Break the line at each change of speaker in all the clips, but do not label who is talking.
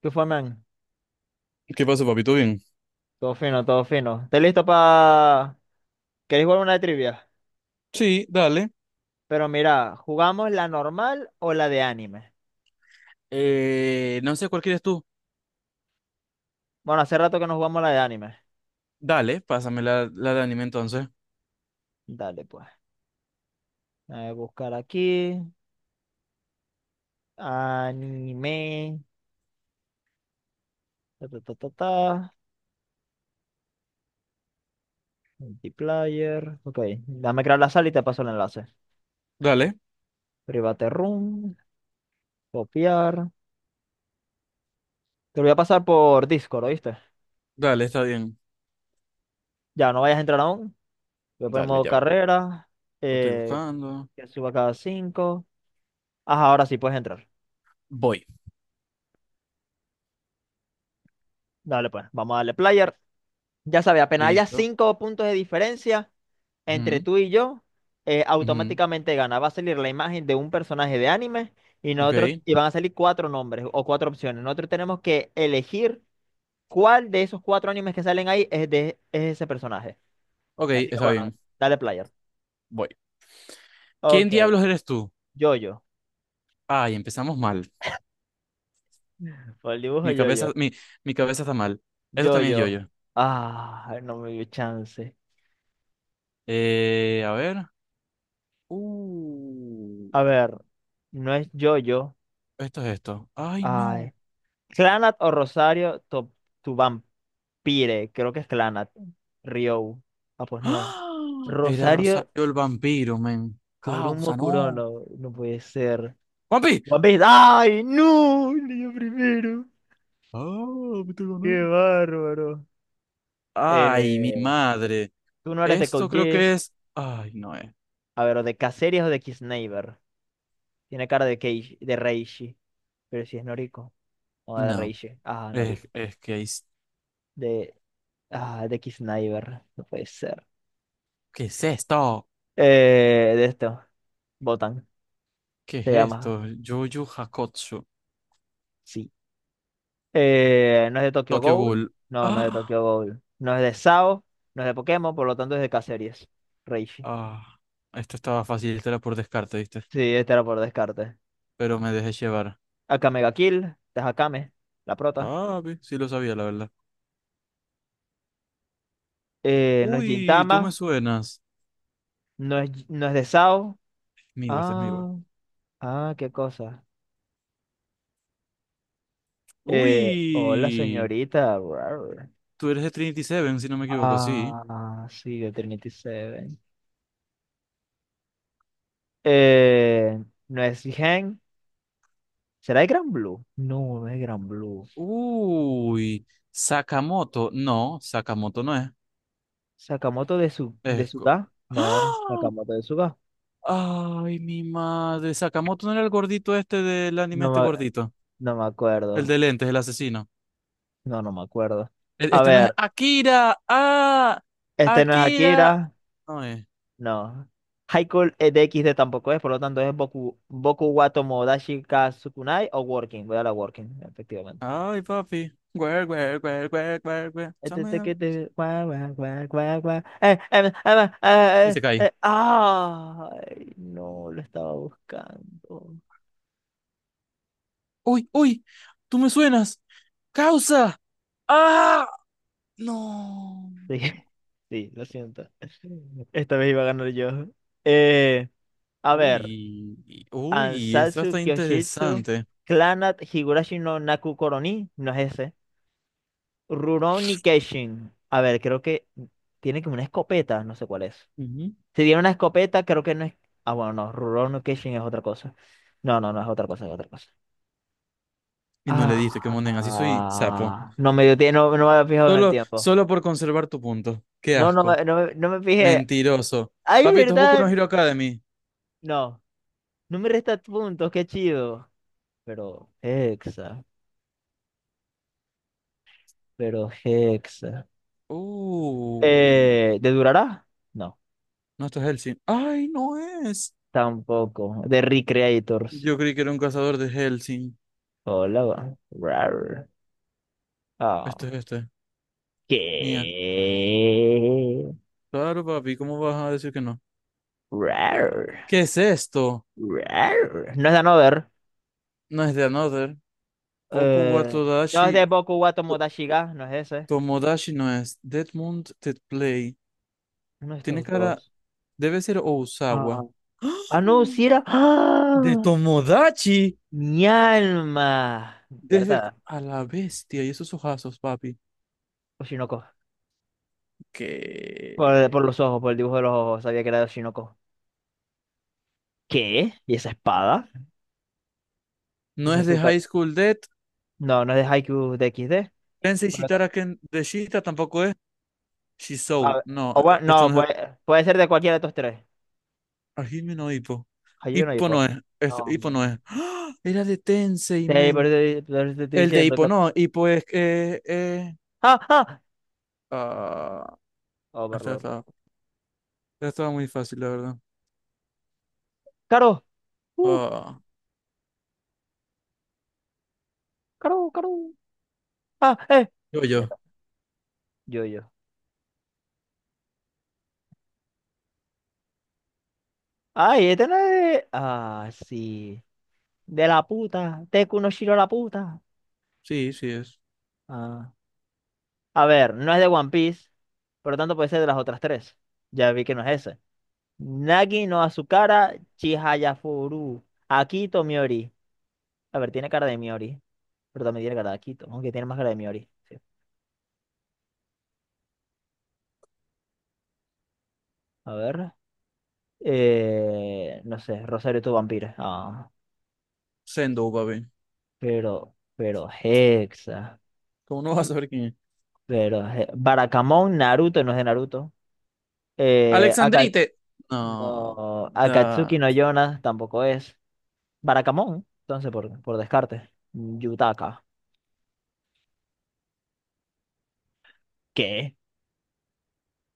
¿Qué fue, man?
¿Qué pasa, papito? Bien.
Todo fino, todo fino. ¿Estás listo para... ¿Queréis jugar una de trivia?
Sí, dale.
Pero mira, ¿jugamos la normal o la de anime?
No sé cuál quieres tú.
Bueno, hace rato que no jugamos la de anime.
Dale, pásame la de anime entonces.
Dale, pues. Voy a buscar aquí. Anime. Ta, ta, ta, ta, ta. Multiplayer. Ok. Dame crear la sala y te paso el enlace.
Dale,
Private room. Copiar. Te lo voy a pasar por Discord, ¿oíste?
dale, está bien.
Ya, no vayas a entrar aún. Voy a poner
Dale,
modo
ya va.
carrera.
Lo estoy
Eh,
buscando.
que suba cada cinco. Ajá, ahora sí puedes entrar.
Voy.
Dale, pues, vamos a darle player. Ya sabes, apenas haya
Listo.
cinco puntos de diferencia entre
Ujú,
tú y yo,
ujú.
automáticamente gana. Va a salir la imagen de un personaje de anime y nosotros,
Ok,
y van a salir cuatro nombres o cuatro opciones. Nosotros tenemos que elegir cuál de esos cuatro animes que salen ahí es ese personaje.
ok,
Así que
está
bueno,
bien.
dale player.
Voy. ¿Quién
Ok,
diablos eres tú?
Yo-Yo.
Ay, empezamos mal.
Por el dibujo
Mi cabeza,
Yo-Yo.
mi, mi cabeza está mal. Esto también es
Yo-Yo.
yo-yo.
Ah, no me dio chance.
A ver. Uh,
A ver, no es Yo-Yo.
Esto es esto. Ay,
Ay.
no.
Clanat o Rosario to- Tuvampire, creo que es Clanat. Rio. Ah, pues no.
¡Ah! Era
Rosario
Rosario el vampiro, men.
Kurumo
Causa, no.
Kurono, no puede ser.
¡Vampi!
One Piece. ¡Ay, no! Leí yo primero.
Ah, me te gané.
¡Qué bárbaro!
Ay, mi
Eh,
madre.
Tú no eres de Code
Esto creo que
Geass.
es. Ay, no es.
A ver, o de Caceres o de Kisneiver. Tiene cara de Keishi, de Reishi. Pero si es Noriko. O de
No.
Reishi. Ah, Noriko.
Es que es.
De. Ah, de Kisneiver. No puede ser.
¿Qué es esto?
De esto. Botan.
¿Qué es
Se llama.
esto? Jojo Hakotsu.
Sí. No es de Tokyo
Tokyo
Ghoul.
Ghoul.
No, no es de
Ah,
Tokyo Ghoul. No es de SAO. No es de Pokémon, por lo tanto es de Caceres. Reishi.
ah. Esto estaba fácil, esto era por descarte, ¿viste?
Sí, este era por descarte.
Pero me dejé llevar.
Akame ga Kill, de Hakame, la prota.
Ah, ve, sí lo sabía, la verdad.
No es
Uy, tú me
Gintama.
suenas.
No es de SAO.
Miwa, este es Miwa.
Ah, qué cosa. Hola,
Uy.
señorita. Rar.
Tú eres de Trinity Seven, si no me equivoco, sí.
Ah, sí, de Trinity Seven. Eh, no es Gen. ¿Será de Gran Blue? No, no es Gran Blue.
Uy, Sakamoto. No, Sakamoto no es.
Sakamoto de
Es co-
Suga. No,
¡Ah!
Sakamoto de Suga.
Ay, mi madre. Sakamoto no era el gordito este del anime,
No
este
me,
gordito.
no me
El
acuerdo.
de lentes, el asesino.
No, no me acuerdo. A
Este no es
ver,
Akira. Ah,
este no es
Akira.
Akira.
No es.
No. Haiku D X D tampoco es, por lo tanto es Boku wa Tomodachi ka Sukunai o Working. Voy a la Working, efectivamente.
Ay, papi. Guer, guer, guer, guer, guer, guer.
Que te- gua, gua, gua, gua, gua.
Y se cae.
Ay, no, lo estaba buscando.
Uy, uy, tú me suenas. Causa. Ah, no.
Sí, sí, lo siento. Esta vez iba a ganar yo. Eh, A ver,
Uy, uy, esto
Ansatsu
está
Kyoshitsu,
interesante.
Clanat Higurashi no Naku Koroni, no es ese. Rurouni Kenshin. A ver, creo que tiene como una escopeta, no sé cuál es.
Ujú.
Si tiene una escopeta, creo que no es. Ah, bueno, no, Rurouni Kenshin es otra cosa. No es otra cosa, es otra cosa.
Y no le diste que monen, así soy sapo.
Ah, no me dio tie- no, no me había fijado en el
Solo,
tiempo.
solo por conservar tu punto. Qué asco.
No me fijé.
Mentiroso.
¡Ay,
Papito, es Boku no
verdad!
Hero Academy.
No, no me resta puntos, qué chido. Pero, Hexa, pero Hexa.
Uy,
¿De Durará? No,
no, esto es Hellsing. Ay, no es.
tampoco. De Recreators.
Yo creí que era un cazador de Hellsing.
Hola, va. Rar. Ah,
Esto es este.
¿qué?
Mía. Claro, papi, ¿cómo vas a decir que no?
Rar.
¿Qué es esto?
Rar. No es de Nover.
No es de Another. Boku wa
Eh, no es
Todashi.
de Boku wa
To-
Tomodachi ga, no es ese.
Tomodachi no es. Dead Moon Dead Play.
Uno de
Tiene
estos
cara.
dos.
Debe ser
Ah,
Osawa. ¡Ah!
ah no, si era.
De
¡Ah!
Tomodachi.
Mi alma.
Desde cu-
¿Verdad?
a la bestia y esos ojazos, papi.
Oshinoko.
Que
Por los ojos, por el dibujo de los ojos, sabía que era de Oshinoko. ¿Qué? ¿Y esa espada? ¿Y
no
esa
es de High School Dead.
no, no es de Haikyuu de XD.
Tensei
De lo ta-
Shitara Ken de Shita tampoco es.
a
Shisou.
ver,
No,
o bueno,
esto
no,
no es.
puede ser de cualquiera de estos tres.
Hajime no Ippo.
Haikyuu no
Ippo
Ippo.
no es.
No.
Esto, Ippo no es. ¡Ah! Era de Tensei,
Sí, por
men.
eso, di- por eso te estoy
El de
diciendo que...
Ippo no. Ippo es.
¡Ah, ah!
Ah, esta
Overlord.
estaba, esta estaba muy fácil, la verdad.
¡Caro! ¡Uf!
Ah,
¡Caro, caro! ¡Ah, eh!
yo,
Ya
yo.
está. Yo, yo. ¡Ay, este no es de... Ah, sí. De la puta. Deku no Shiro la puta.
Sí, sí es.
Ah. A ver, no es de One Piece. Por lo tanto, puede ser de las otras tres. Ya vi que no es ese. Nagi no Azukara, Chihaya Furu, Akito Miori. A ver, tiene cara de Miori, pero también tiene cara de Akito, aunque tiene más cara de Miori. Sí. A ver, no sé, Rosario tu vampiro. Ah,
Sendo, papi.
pero Hexa,
¿Cómo no vas a saber quién es?
pero He- Barakamon Naruto no es de Naruto. Aka-
Alexandrite. No.
no, Akatsuki
Ya.
no Yona tampoco es. Barakamon, entonces por descarte. Yutaka, ¿qué?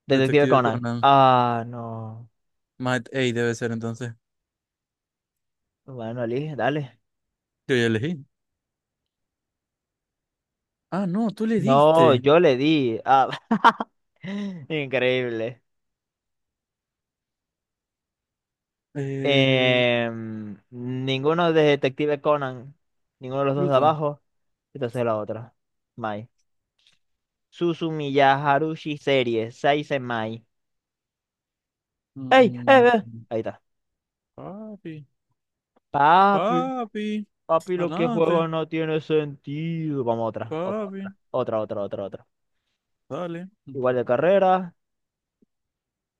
Detective
Detective
Conan.
Conan.
Ah, no.
Matt A debe ser entonces.
Bueno, elige, dale.
Yo ya elegí. Ah, no, tú le
No,
diste.
yo le di. Ah, increíble.
Eh,
Em, ninguno de Detective Conan, ninguno de los dos de
Pluto.
abajo. Entonces la otra. Mai. Susumiya Haruhi Serie, Seisen Mai. ¡Ey! ¡Eh,
Mm,
eh! Ahí está.
papi.
Papi,
Papi.
papi, lo que
Ganaste.
juego no tiene sentido. Vamos, otra, otra,
Papi.
otra, otra, otra, otra, otra.
Dale.
Igual de carrera,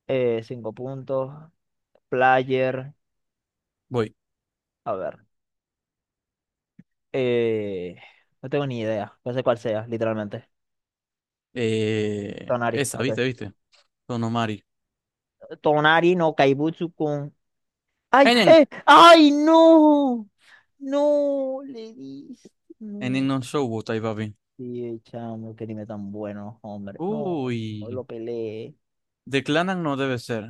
cinco puntos, player.
Voy.
A ver, eh, no tengo ni idea. No sé cuál sea, literalmente.
Eh,
Tonari,
esa,
ok.
viste, viste. Sonomari.
Tonari no Kaibutsu-kun. ¡Ay!
Enen.
¡Eh! ¡Ay, no! ¡No! Le diste.
Enen
No.
non showbotai, papi.
Sí, chamo, qué anime tan bueno, hombre. No, no
Uy.
lo peleé.
Declanan no debe ser.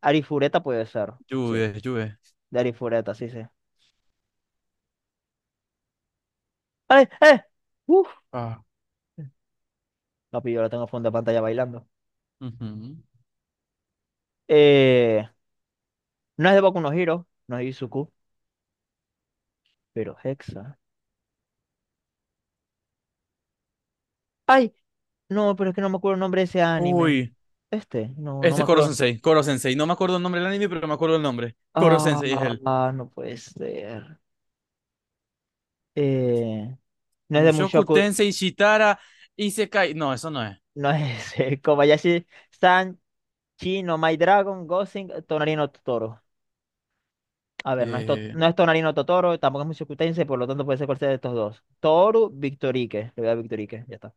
Arifureta puede ser. Sí,
Lluve, lluve.
de Arifureta, sí, sí. ¡Ay! ¡Eh! ¡Uf!
Ah.
Papi, yo la tengo a fondo de pantalla bailando.
Ujú.
Eh, no es de Boku no Hero, no es Izuku, pero Hexa. ¡Ay! No, pero es que no me acuerdo el nombre de ese anime.
Uy.
Este, no, no
Este
me
es Koro
acuerdo.
Sensei, Koro Sensei. No me acuerdo el nombre del anime, pero me acuerdo el nombre. Koro Sensei es él.
Ah, no puede ser. Eh, no es de
Mushoku
Mushoku.
Tensei Shitara Isekai. No, eso no es.
No es Kobayashi San, Chi no My Dragon, Gosling Tonarino Totoro. A ver, no es, To-
Eh,
no es Tonarino Totoro, tampoco es Mushokutense, por lo tanto puede ser cualquiera de estos dos. Toru, Victorique. Le voy a dar Victorique, ya está.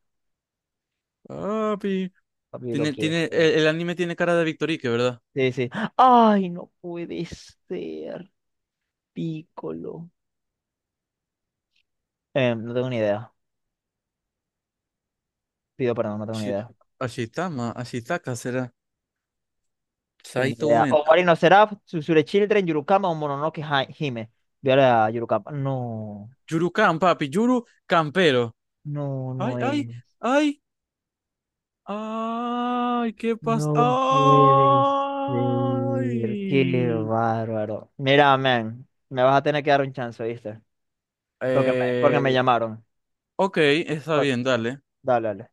Papi.
Papi lo
Tiene,
quiero.
tiene, el anime tiene cara de Victorique, ¿verdad?
Sí, sí. Ay, no puede ser. Piccolo. Em, no tengo ni idea. Pido perdón, no tengo ni
Ashi-
idea. No
Ashitama, Ashitaka será.
tengo ni
Saito
idea.
Uena.
Ocarina of Seraph, Tsuzure Children, Yurukama o Mononoke Hi- Hime. Voy a la Yurukama. No,
Yurukan, papi. Yuru Campero.
no,
Ay,
no
ay,
es.
ay. Ay, ¿qué pasa?
No puede ser. Qué
Ay.
bárbaro. Mira, man, me vas a tener que dar un chance, ¿viste? Porque me
Eh,
llamaron.
ok, está bien, dale.
Dale, dale.